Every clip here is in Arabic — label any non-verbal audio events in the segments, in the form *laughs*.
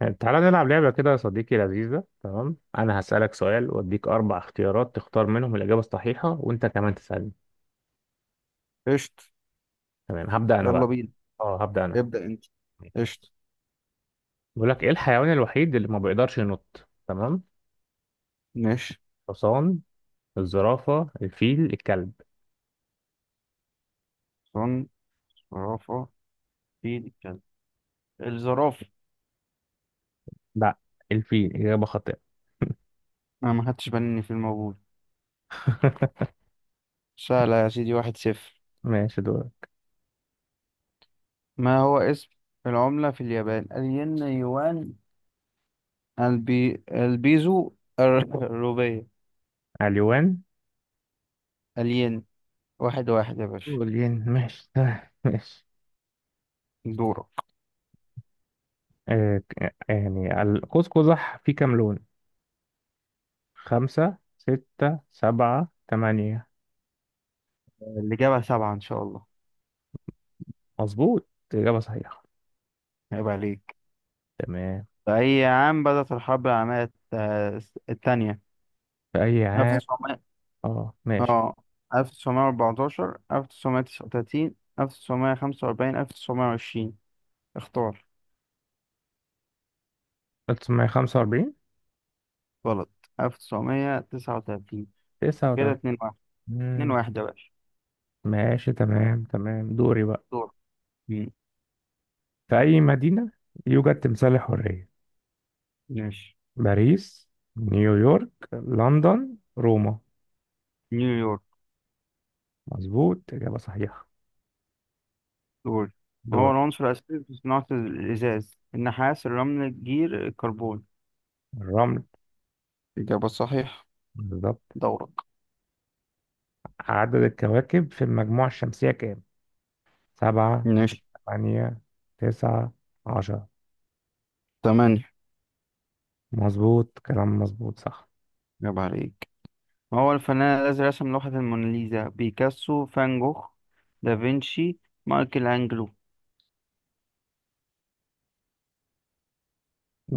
يعني تعالى نلعب لعبة كده يا صديقي. لذيذة. تمام، أنا هسألك سؤال وأديك أربع اختيارات تختار منهم الإجابة الصحيحة وأنت كمان تسألني. قشط. تمام هبدأ أنا يلا بقى. بينا. أه هبدأ أنا. ابدأ انت. قشط. بيقول لك إيه الحيوان الوحيد اللي ما بيقدرش ينط؟ تمام. ماشي. الحصان، الزرافة، الفيل، الكلب. صن زرافة فيل كلب. الزرافة. لا، الفيل إجابة خاطئة. أنا ما خدتش بالي إن في موجود. *laughs* سهلة يا سيدي، واحد صفر. ماشي دور. ما هو اسم العملة في اليابان؟ الين، يوان، البيزو، *laughs* الروبية. اليوان. الين. واحد واحد يا باشا. والين ماشي. *laughs* ماشي. دورة. قوس قزح فيه كام لون؟ خمسة، ستة، سبعة، تمانية. اللي جابها سبعة إن شاء الله. مظبوط، إجابة صحيحة. عيب عليك. تمام. في أي عام بدأت الحرب العالمية الثانية؟ في أي عام؟ 1900، اه ماشي. اه، 1914، 1939، 1945، 1920. اختار. 1945. غلط. 1939. كده 39. 2-1. 2-1 يا باشا. ماشي تمام دوري بقى. دور. مم. في أي مدينة يوجد تمثال الحرية؟ ماشي. باريس، نيويورك، لندن، روما. نيويورك. مظبوط، إجابة صحيحة. دور. ما هو دور. العنصر الأساسي في صناعة الإزاز؟ النحاس، الرمل، الجير، الكربون. الرمل. إجابة صحيحة. بالظبط. دورك. عدد الكواكب في المجموعة الشمسية كام؟ سبعة، ماشي. ثمانية، تسعة، 10. تمانية. مظبوط، كلام مظبوط، صح. إجابة عليك. ما هو الفنان الذي رسم لوحة الموناليزا؟ بيكاسو، فان جوخ، دافنشي، مايكل أنجلو.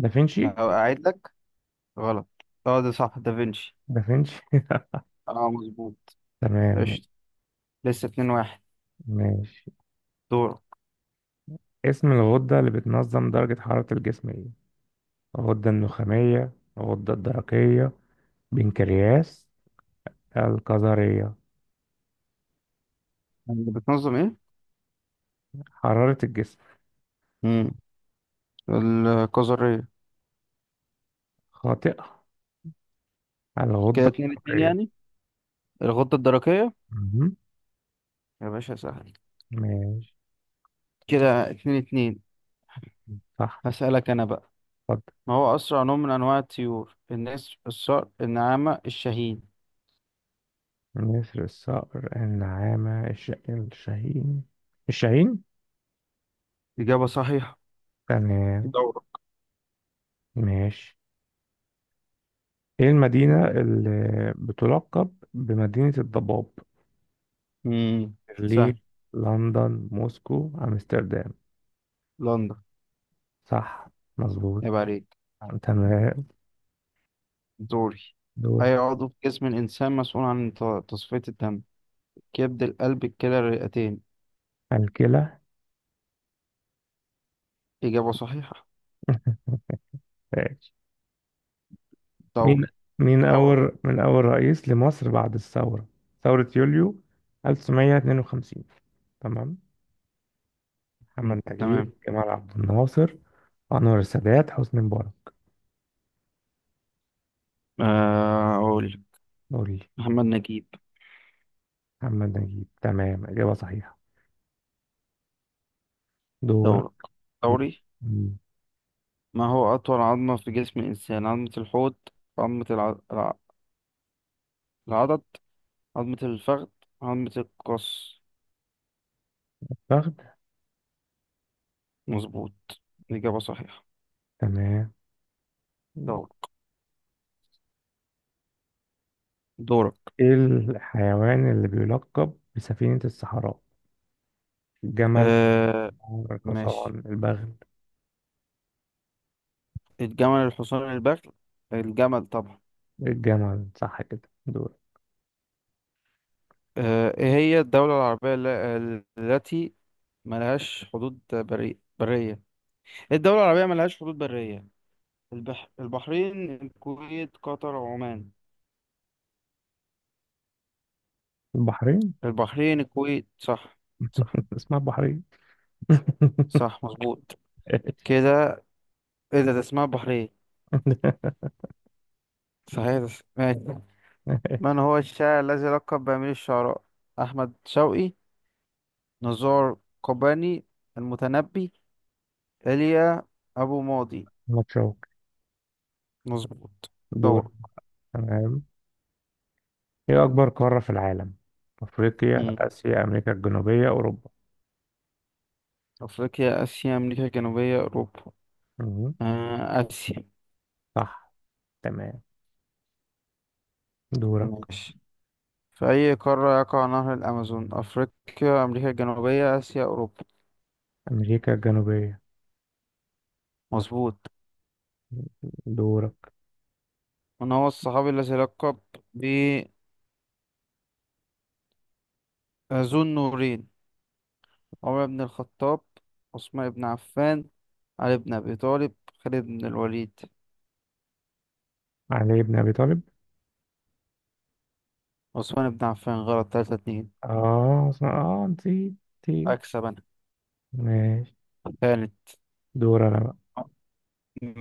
دافنشي. أعيد لك. غلط. اه ده صح، دافنشي. دافنشي. اه، مظبوط. *laughs* تمام. قشطة. لسه اتنين واحد. ماشي. دور. اسم الغدة اللي بتنظم درجة حرارة الجسم ايه؟ الغدة النخامية، الغدة الدرقية، بنكرياس، الكظرية. اللي بتنظم ايه؟ حرارة الجسم. مم. الكظرية. خاطئة، كده الغدة اتنين اتنين، الدرقية. يعني الغدة الدرقية. مهم. يا باشا سهل. ماشي. كده اتنين اتنين. صح. هسألك أنا بقى. اتفضل. ما هو أسرع نوع من أنواع الطيور؟ النسر، الصقر، النعامة، الشاهين. نسر، الصقر، النعامة، الشاهين. الشاهين. إجابة صحيحة. تمام. دورة. ماشي. ايه المدينة اللي بتلقب بمدينة الضباب؟ مم. برلين، سهل. لندن، موسكو، امستردام. لندن. صح، مظبوط. يبقى عليك. تمام. دوري. دور. أي عضو في جسم الإنسان مسؤول عن تصفية الدم؟ كبد، القلب، الكلى، الرئتين. الكلى. إجابة صحيحة. ماشي. مين دوري مين دوري. أول رئيس لمصر بعد الثورة؟ ثورة يوليو 1952. تمام. مم، محمد نجيب، تمام. جمال عبد الناصر، أنور السادات، حسني مبارك. آه، أقول. قول لي. محمد نجيب. محمد نجيب. تمام، إجابة صحيحة. دورك. دورك. دوري. م- ما هو أطول عظمة في جسم الإنسان؟ عظمة الحوض، عظمة العضد، عظمة الفخذ، عظمة القص. فخد. مظبوط. إجابة صحيحة. تمام. دورك. دورك. إيه الحيوان اللي بيلقب بسفينة الصحراء؟ الجمل، آه، ماشي. الحصان، البغل. الجمل، الحصان، البغل. الجمل طبعا. الجمل صح كده. دور. آه، إيه هي الدولة العربية التي ملهاش حدود برية؟ إيه الدولة العربية ملهاش حدود برية؟ البحرين، الكويت، قطر، عمان. البحرين. البحرين، الكويت. صح. صح اسمها البحرية. *laughs* صح. مظبوط كده. ايه ده اسمها البحرين. صحيح ده ماشي. من هو الشاعر الذي لقب بأمير الشعراء؟ أحمد شوقي، نزار قباني، المتنبي، إيليا أبو ماضي. متشوق. مظبوط. دور. دور. تمام. ايه أكبر قارة في العالم؟ أفريقيا، مم. آسيا، أمريكا الجنوبية، أوروبا. أفريقيا، آسيا، أمريكا الجنوبية، أوروبا. مهم. آه، آسيا. صح. تمام. دورك. ماشي. في أي قارة يقع نهر الأمازون؟ أفريقيا، أمريكا الجنوبية، آسيا، أوروبا. أمريكا الجنوبية. مظبوط. دورك. من هو الصحابي الذي لقب بذو النورين؟ عمر بن الخطاب، عثمان بن عفان، علي بن أبي طالب، خالد بن الوليد. علي بن أبي طالب. عثمان بن عفان. غلط. تلاتة اتنين. آه صح. آه نسيت، نسيت. أكسب أنا. ماشي. كانت. دور أنا بقى.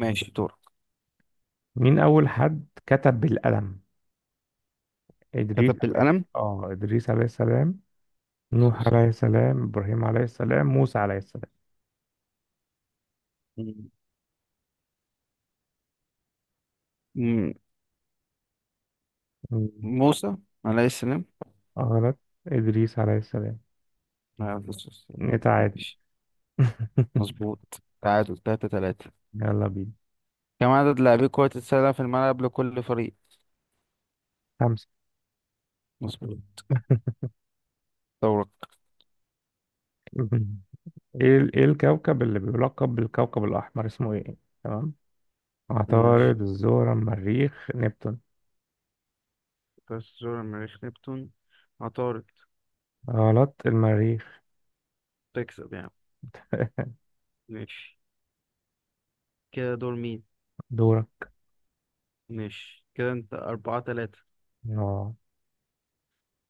ماشي دور. مين أول حد كتب بالقلم؟ إدريس كتب عليه. بالقلم. آه إدريس عليه السلام، نوح عليه السلام، إبراهيم عليه السلام، موسى عليه م- م- السلام. موسى عليه السلام غلط، إدريس عليه السلام. عليه السلام. نتعادل. ماشي. *laughs* مظبوط. تعادل تلاتة تلاتة. يلا بينا. كم عدد لاعبي كرة السلة في الملعب لكل فريق؟ خمسة. مظبوط. دورك. *laughs* إيه الكوكب اللي بيلقب بالكوكب الأحمر اسمه إيه؟ تمام. ماشي عطارد، الزهرة، المريخ، نبتون. بس زور. المريخ، نبتون، عطارد. غلط، المريخ. تكسب يعني. *laughs* ماشي. كده دور مين. دورة. ماشي. كده انت أربعة تلاتة. اه.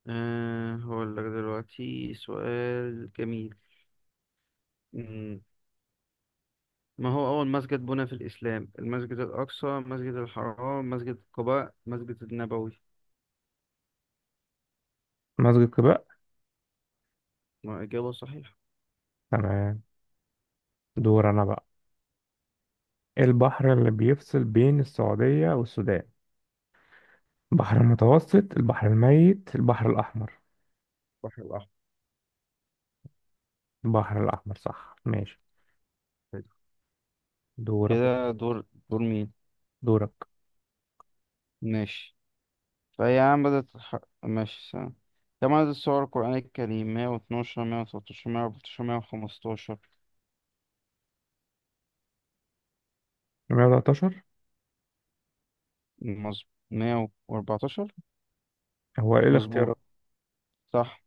هقول لك دلوقتي سؤال جميل. مم. ما هو أول مسجد بنى في الإسلام؟ المسجد الأقصى، مسجد الحرام، مسجد قباء، مسجد النبوي. مسجد قباء. ما إجابة صحيحة. تمام. دور أنا بقى. إيه البحر اللي بيفصل بين السعودية والسودان؟ البحر المتوسط، البحر الميت، البحر الأحمر. البحر الأحمر. البحر الأحمر صح. ماشي. حلو. دورك كده دور. دور مين. دورك ماشي. فهي عم بدأت ماشي سنة. كم عدد السور القرآن الكريم؟ 112، 113، 114، 115. 113. مظبوط. 114. هو إيه مظبوط الاختيارات؟ صح.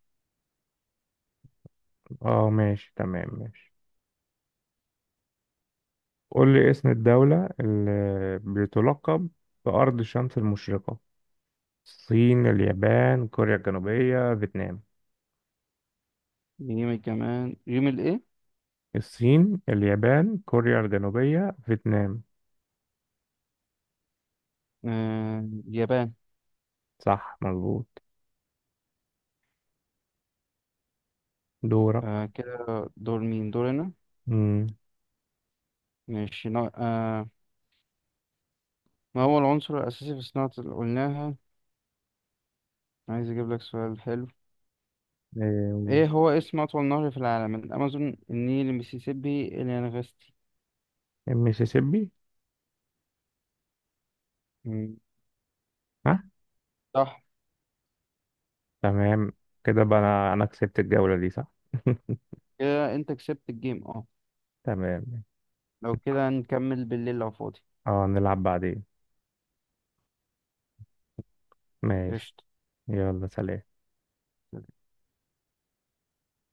اه ماشي، تمام ماشي. قول لي اسم الدولة اللي بتلقب بأرض الشمس المشرقة. الصين، اليابان، كوريا الجنوبية، فيتنام. يوم كمان يوم الايه؟ الصين، اليابان، كوريا الجنوبية، فيتنام. آه، اليابان. صح، مظبوط. دورك. آه، كده. دور مين. دورنا. مم. ماشي آه. ما هو العنصر الأساسي في صناعة اللي قلناها؟ عايز أجيب لك سؤال حلو. إيه، إيه هو اسم أطول نهر في العالم؟ الأمازون، النيل، المسيسيبي، اليانغستي. المسيسيبي. مم، ها. صح. تمام. كده بقى أنا كسبت الجولة دي صح. *laughs* كده أنت كسبت الجيم. تمام. لو كده نكمل بالليل لو فاضي. اه نلعب بعدين. ماشي. قشطة. يلا سلام.